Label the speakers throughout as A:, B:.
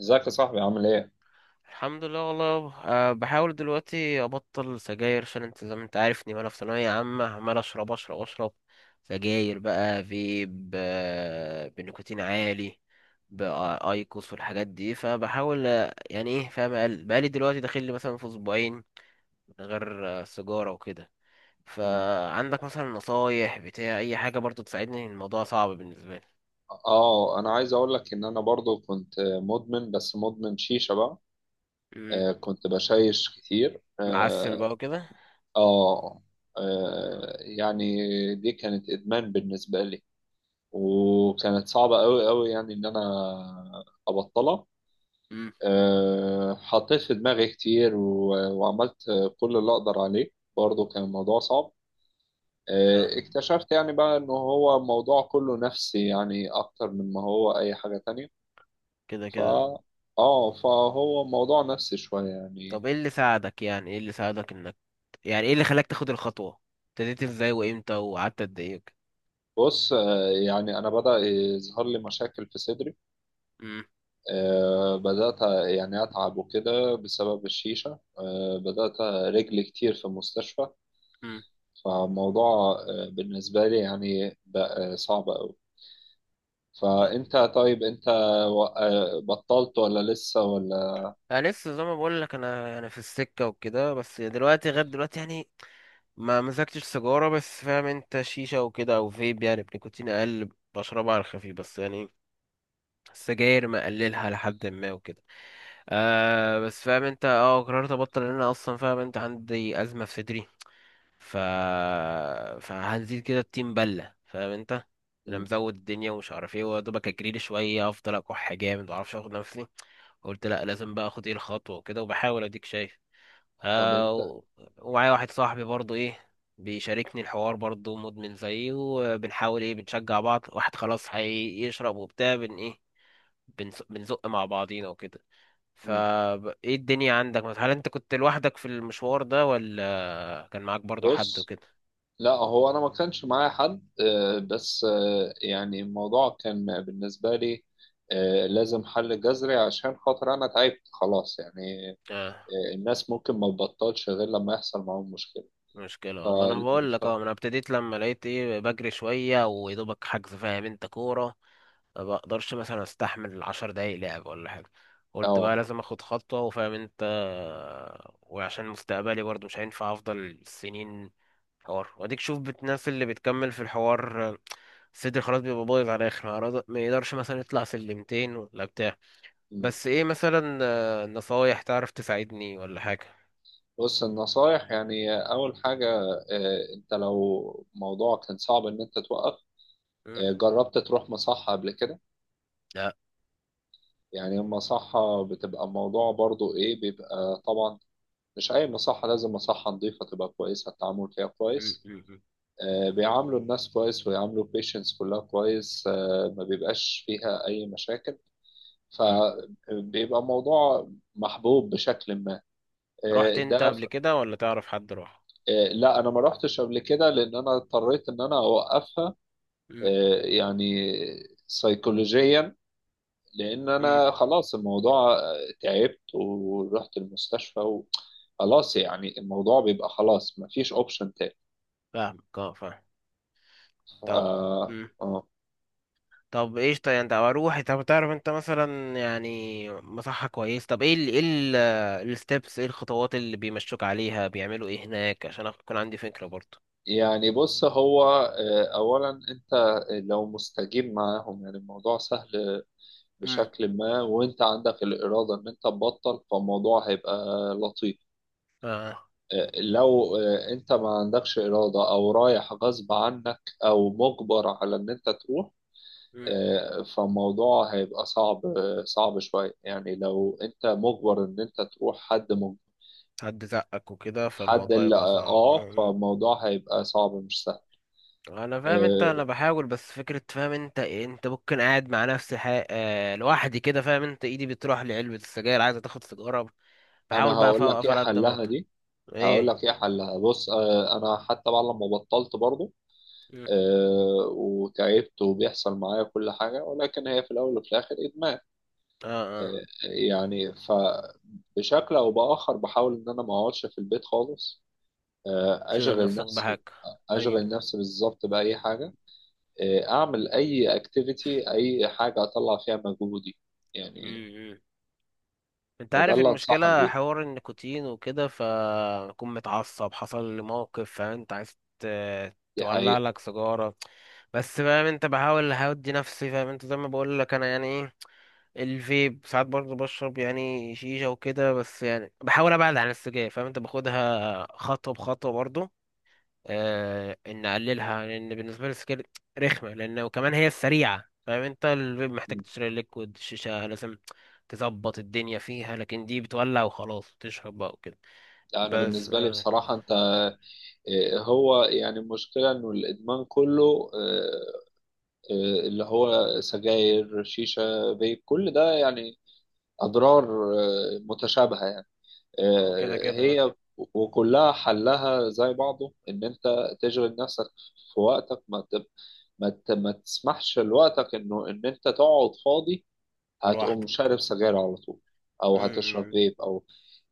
A: ازيك يا صاحبي عامل ايه؟
B: الحمد لله والله. بحاول دلوقتي ابطل سجاير عشان انت زي ما انت عارفني، وانا في ثانويه عامه عمال اشرب اشرب اشرب سجاير. بقى فيب بنيكوتين عالي بايكوس والحاجات دي. فبحاول يعني ايه فاهم بقالي دلوقتي داخل لي مثلا في اسبوعين من غير سيجاره وكده. فعندك مثلا نصايح بتاع اي حاجه برضو تساعدني؟ الموضوع صعب بالنسبه لي.
A: اه انا عايز اقول لك ان انا برضو كنت مدمن، بس مدمن شيشة بقى.
B: مم.
A: كنت بشيش كتير
B: معسل
A: اه,
B: بقى وكده.
A: آه يعني دي كانت ادمان بالنسبة لي، وكانت صعبة قوي قوي يعني ان انا ابطلها.
B: مم.
A: حطيت في دماغي كتير، و- وعملت كل اللي اقدر عليه. برضو كان الموضوع صعب.
B: اه
A: اكتشفت يعني بقى انه هو الموضوع كله نفسي، يعني اكتر من ما هو اي حاجة تانية.
B: كده
A: ف
B: كده.
A: اه فهو موضوع نفسي شوية يعني.
B: طب ايه اللي ساعدك، يعني ايه اللي ساعدك انك، يعني ايه اللي خلاك تاخد الخطوة؟ ابتديت ازاي وامتى وقعدت قد ايه وكده؟
A: بص، يعني انا بدأ يظهر لي مشاكل في صدري.
B: امم.
A: بدأت يعني اتعب وكده بسبب الشيشة. بدأت رجلي كتير في المستشفى.
B: امم.
A: فالموضوع بالنسبة لي يعني بقى صعب أوي. طيب انت بطلت ولا لسه ولا؟
B: انا لسه زي ما بقول لك، انا في السكة وكده بس دلوقتي غير دلوقتي يعني. ما مسكتش سيجارة بس فاهم انت شيشة وكده او فيب يعني بنيكوتين اقل، بشربها على الخفيف بس يعني. السجاير مقللها لحد ما وكده. آه بس فاهم انت اه قررت ابطل لان انا اصلا فاهم انت عندي ازمة في صدري. ف فهنزيد كده التيم بله فاهم انت. انا
A: مم.
B: مزود الدنيا ومش عارف ايه ودوبك اجريلي شويه افضل اكح جامد معرفش اخد نفسي. قلت لا، لازم بقى اخد ايه الخطوه وكده، وبحاول اديك شايف.
A: طب
B: آه
A: انت،
B: و- ومعايا واحد صاحبي برضو ايه، بيشاركني الحوار برضو مدمن زيي، وبنحاول ايه بنشجع بعض، واحد خلاص هيشرب وبتاع بن ايه، بنزق مع بعضينا وكده. فا ايه الدنيا عندك؟ هل انت كنت لوحدك في المشوار ده ولا كان معاك برضو حد
A: بص،
B: وكده؟
A: لا، هو انا ما كانش معايا حد. بس يعني الموضوع كان بالنسبه لي لازم حل جذري عشان خاطر انا تعبت خلاص يعني.
B: آه.
A: الناس ممكن ما تبطلش غير لما يحصل معاهم مشكله.
B: مشكلة،
A: ف...
B: اه، ما انا بقول
A: ف...
B: لك اه، ما انا ابتديت لما لقيت ايه بجري شوية ويدوبك حجز فاهم انت كورة. ما بقدرش مثلا استحمل عشر دقايق لعب ولا حاجة. قلت بقى
A: اه،
B: لازم اخد خطوة وفاهم انت. وعشان مستقبلي برضو مش هينفع افضل سنين حوار، واديك شوف الناس اللي بتكمل في الحوار صدري خلاص بيبقى بايظ على الاخر، ما يقدرش مثلا يطلع سلمتين ولا بتاع.
A: مم.
B: بس ايه مثلا نصايح تعرف تساعدني ولا حاجة؟
A: بص، النصايح يعني اول حاجه، انت لو موضوع كان صعب ان انت توقف،
B: مم.
A: جربت تروح مصحه قبل كده؟
B: لا.
A: يعني المصحة بتبقى موضوع برضو ايه بيبقى طبعا مش أي مصحة، لازم مصحة نظيفة تبقى كويسة، التعامل فيها
B: مم.
A: كويس،
B: مم.
A: بيعاملوا الناس كويس ويعاملوا البيشنتس كلها كويس. ما بيبقاش فيها أي مشاكل.
B: مم.
A: فبيبقى موضوع محبوب بشكل ما.
B: رحت انت
A: ده
B: قبل كده ولا تعرف حد راح؟
A: لا، أنا ما رحتش قبل كده لأن أنا اضطريت إن أنا أوقفها.
B: امم.
A: يعني سيكولوجيا، لأن
B: امم.
A: أنا خلاص الموضوع تعبت ورحت المستشفى. خلاص، يعني الموضوع بيبقى خلاص مفيش اوبشن تاني.
B: فاهمك اه فاهم. طب.
A: آه
B: امم.
A: آه
B: طب ايش طيب انت اروح، طب تعرف انت مثلا يعني مصحة كويس، طب ايه ال ايه ال الستبس، ايه الخطوات اللي بيمشوك عليها، بيعملوا ايه هناك عشان اكون عندي فكرة برضه؟
A: يعني بص هو أولا أنت لو مستجيب معاهم يعني الموضوع سهل
B: مم.
A: بشكل ما، وأنت عندك الإرادة إن أنت تبطل فالموضوع هيبقى لطيف.
B: اه.
A: لو أنت ما عندكش إرادة، أو رايح غصب عنك، أو مجبر على إن أنت تروح،
B: مم.
A: فالموضوع هيبقى صعب، صعب شوية يعني. لو أنت مجبر إن أنت تروح، حد مجبر،
B: حد زقك وكده
A: حد
B: فالموضوع
A: اللي
B: يبقى
A: آه
B: صعب
A: آه،
B: اه. مم.
A: فالموضوع هيبقى صعب مش سهل.
B: انا فاهم انت
A: آه،
B: انا بحاول بس فكرة فاهم انت إيه، انت ممكن قاعد مع نفسي حي... آه لوحدي كده فاهم انت ايدي بتروح لعلبة السجاير عايزة تاخد سيجارة.
A: انا
B: بحاول بقى
A: هقول لك
B: أفوقف
A: ايه
B: على قد ما
A: حلها
B: أقدر.
A: دي. هقول
B: إيه؟
A: لك ايه حلها بص، انا حتى بعد لما بطلت برضه
B: مم.
A: وتعبت وبيحصل معايا كل حاجه، ولكن هي في الاول وفي الاخر ادمان.
B: آه. آه
A: يعني فبشكل او باخر بحاول ان انا ما اقعدش في البيت خالص.
B: شغل
A: اشغل
B: نفسك بحاجة.
A: نفسي. اشغل
B: ايوه.
A: نفسي بالظبط باي حاجه. اعمل اي اكتيفيتي، اي حاجه اطلع فيها مجهودي يعني.
B: مم، مم. أنت
A: فده
B: عارف
A: اللي انصحك
B: المشكلة
A: بيه.
B: حوار النيكوتين وكده فأكون متعصب حصل لي موقف فأنت عايز
A: دي
B: تولع
A: حقيقه.
B: لك سيجارة. بس فاهم أنت بحاول هودي نفسي فاهم أنت زي ما بقول لك أنا يعني إيه. الفيب ساعات برضه بشرب يعني شيشة وكده بس يعني بحاول أبعد عن السجاير فاهم أنت باخدها خطوة بخطوة برضه. آه ان نقللها لان بالنسبه لي السجاير رخمه لان وكمان هي السريعه فاهم انت. الفيب محتاج
A: م.
B: تشتري ليكويد شيشه لازم تظبط الدنيا فيها، لكن دي بتولع وخلاص تشرب بقى وكده.
A: انا
B: بس
A: بالنسبه لي
B: آه.
A: بصراحه انت هو يعني المشكلة إنه الإدمان كله اللي هو سجاير شيشة فيب كل ده يعني أضرار متشابهة يعني.
B: ما هو كده كده.
A: هي وكلها حلها زي بعضه إن أنت تشغل نفسك في وقتك. ما تب... ما, ت... ما تسمحش لوقتك إنه إن أنت تقعد فاضي، هتقوم
B: والواحده.
A: شارب سجاير على طول، أو هتشرب
B: امم.
A: فيب.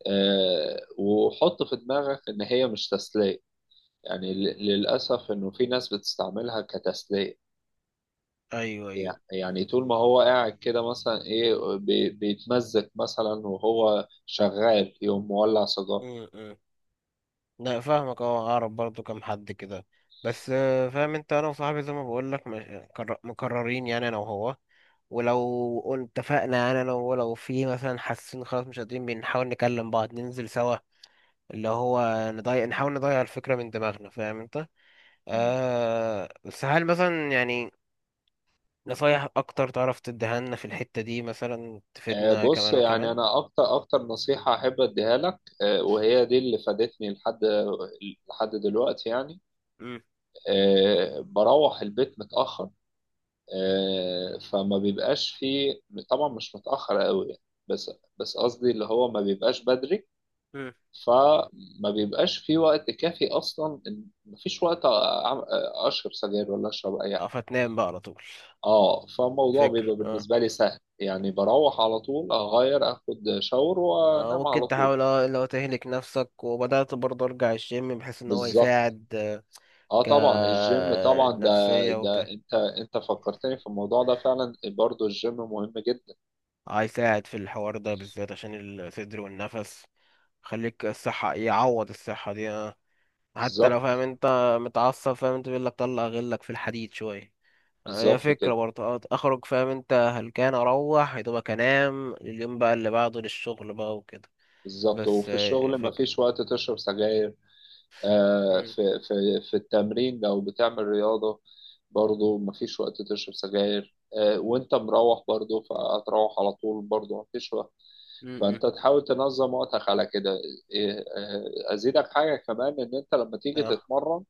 A: وحط في دماغك إن هي مش تسلية، يعني للأسف إنه في ناس بتستعملها كتسلية.
B: ايوه ايوه.
A: يعني طول ما هو قاعد كده مثلا إيه بيتمزج مثلا وهو شغال يقوم مولع سيجارة.
B: م. لا فاهمك اه، اعرف برضو كام حد كده. بس فاهم انت انا وصاحبي زي ما بقول لك مكررين، يعني انا وهو. ولو اتفقنا يعني انا وهو لو في مثلا حاسين خلاص مش قادرين بنحاول نكلم بعض ننزل سوا، اللي هو نضيع نحاول نضيع الفكرة من دماغنا فاهم انت.
A: مم.
B: آه بس هل مثلا يعني نصايح اكتر تعرف تديها لنا في الحتة دي مثلا تفيدنا
A: بص
B: كمان
A: يعني
B: وكمان؟
A: أنا أكتر أكتر نصيحة أحب أديها لك، وهي دي اللي فادتني لحد دلوقتي يعني.
B: امم.
A: بروح البيت متأخر، فما بيبقاش فيه، طبعا مش متأخر قوي يعني، بس بس قصدي اللي هو ما بيبقاش بدري،
B: امم.
A: فما بيبقاش في وقت كافي اصلا مفيش وقت اشرب سجاير ولا اشرب اي
B: اه
A: حاجه.
B: فتنام بقى على طول.
A: اه فالموضوع
B: فكر
A: بيبقى
B: آه.
A: بالنسبه لي سهل، يعني بروح على طول اغير، اخد شاور، وانام
B: ممكن
A: على طول.
B: تحاول اه لو تهلك نفسك وبدأت برضه ارجع الجيم بحيث ان هو
A: بالظبط.
B: يساعد
A: اه طبعا الجيم طبعا ده
B: كنفسية
A: ده
B: وبتاع.
A: انت فكرتني في الموضوع ده فعلا، برضو الجيم مهم جدا.
B: هيساعد في الحوار ده بالذات عشان الصدر والنفس، خليك الصحة يعوض الصحة دي آه. حتى لو فاهم
A: بالظبط.
B: انت متعصب فاهم انت بيقول لك طلع غلك في الحديد شوية. هي
A: بالظبط
B: فكرة
A: كده.
B: برضه، اخرج فاهم انت هلكان اروح يا دوبك انام اليوم بقى اللي بعده للشغل بقى وكده.
A: بالظبط،
B: بس
A: وفي الشغل
B: فكرة.
A: مفيش وقت تشرب سجاير،
B: مم.
A: في في التمرين لو بتعمل رياضة برضو مفيش وقت تشرب سجاير. وانت مروح برضو فهتروح على طول، برضو مفيش وقت.
B: مم.
A: فانت تحاول تنظم وقتك على كده. إيه، ازيدك حاجة كمان ان انت لما تيجي
B: اه.
A: تتمرن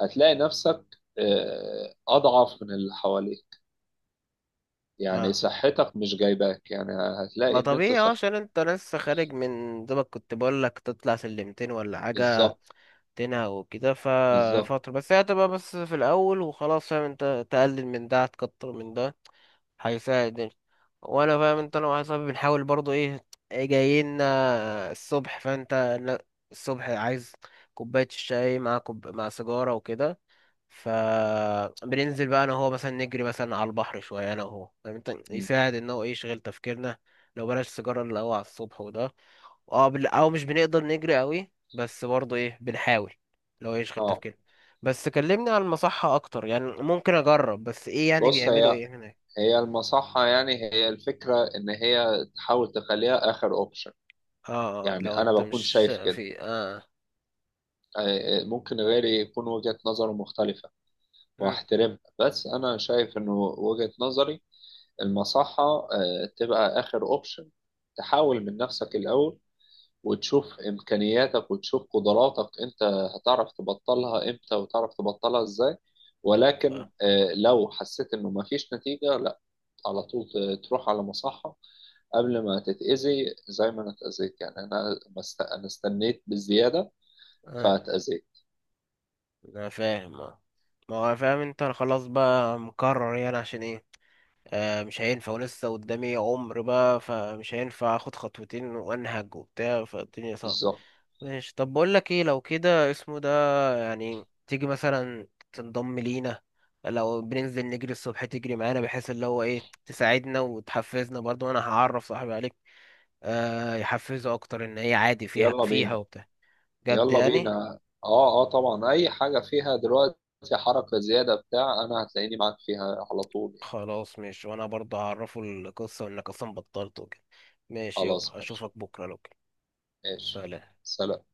A: هتلاقي نفسك اضعف من اللي حواليك، يعني
B: اه
A: صحتك مش جايباك، يعني
B: ما
A: هتلاقي ان انت
B: طبيعي اه
A: صح.
B: عشان انت لسه خارج من دوبك، كنت بقول لك تطلع سلمتين ولا حاجة.
A: بالظبط.
B: تنها وكده
A: بالظبط.
B: ففترة بس، هي هتبقى بس في الأول وخلاص فاهم انت، تقلل من ده هتكتر من ده هيساعد يعني. وانا فاهم انت انا وواحد صاحبي بنحاول برضو ايه، ايه جايين الصبح فانت. لا، الصبح عايز كوباية الشاي مع سيجارة وكده. فبننزل بقى انا وهو مثلا نجري مثلا على البحر شويه انا وهو فاهم انت،
A: م.
B: يساعد ان هو ايه يشغل تفكيرنا لو بلاش سيجاره اللي هو على الصبح وده. اه، او مش بنقدر نجري قوي بس برضه ايه بنحاول لو يشغل
A: اه،
B: تفكيرنا. بس كلمني عن المصحه اكتر، يعني ممكن اجرب بس ايه يعني
A: بص
B: بيعملوا
A: هي
B: ايه هناك؟
A: هي المصحة يعني، هي الفكرة إن هي تحاول تخليها آخر أوبشن.
B: اه.
A: يعني
B: لو
A: أنا
B: انت
A: بكون
B: مش
A: شايف كده.
B: في اه.
A: ممكن غيري يكون وجهة نظره مختلفة،
B: مم.
A: وأحترمها، بس أنا شايف إنه وجهة نظري المصحة تبقى آخر أوبشن. تحاول من نفسك الأول، وتشوف إمكانياتك، وتشوف قدراتك أنت. هتعرف تبطلها إمتى وتعرف تبطلها إزاي.
B: اه.
A: ولكن لو حسيت إنه مفيش نتيجة، لا، على طول تروح على مصحة، قبل ما تتأذي زي ما انا اتأذيت. يعني انا ما است- انا استنيت بالزيادة
B: اه.
A: فاتأذيت.
B: انا فاهم اه. ما هو فاهم انت أنا خلاص بقى مكرر يعني عشان ايه، مش هينفع ولسه قدامي عمر بقى فمش هينفع اخد خطوتين وانهج وبتاع، فالدنيا صعبة.
A: بالظبط.
B: ماشي. طب بقول لك ايه لو كده اسمه ده، يعني تيجي مثلا تنضم لينا، لو بننزل نجري الصبح تجري معانا بحيث اللي هو ايه تساعدنا وتحفزنا برضو. انا هعرف صاحبي عليك آه يحفزه اكتر ان هي عادي فيها
A: يلا
B: فيها
A: بينا.
B: وبتاع. جد
A: يلا
B: يعني.
A: بينا، اه، اه، طبعا اي حاجة فيها دلوقتي حركة زيادة بتاع انا هتلاقيني معاك فيها على طول يعني.
B: خلاص ماشي، وانا برضو هعرفه القصة وانك اصلا بطلت وكده. ماشي
A: خلاص
B: يابا،
A: ماشي.
B: اشوفك بكرة لو كده.
A: ماشي.
B: سلام.
A: سلام.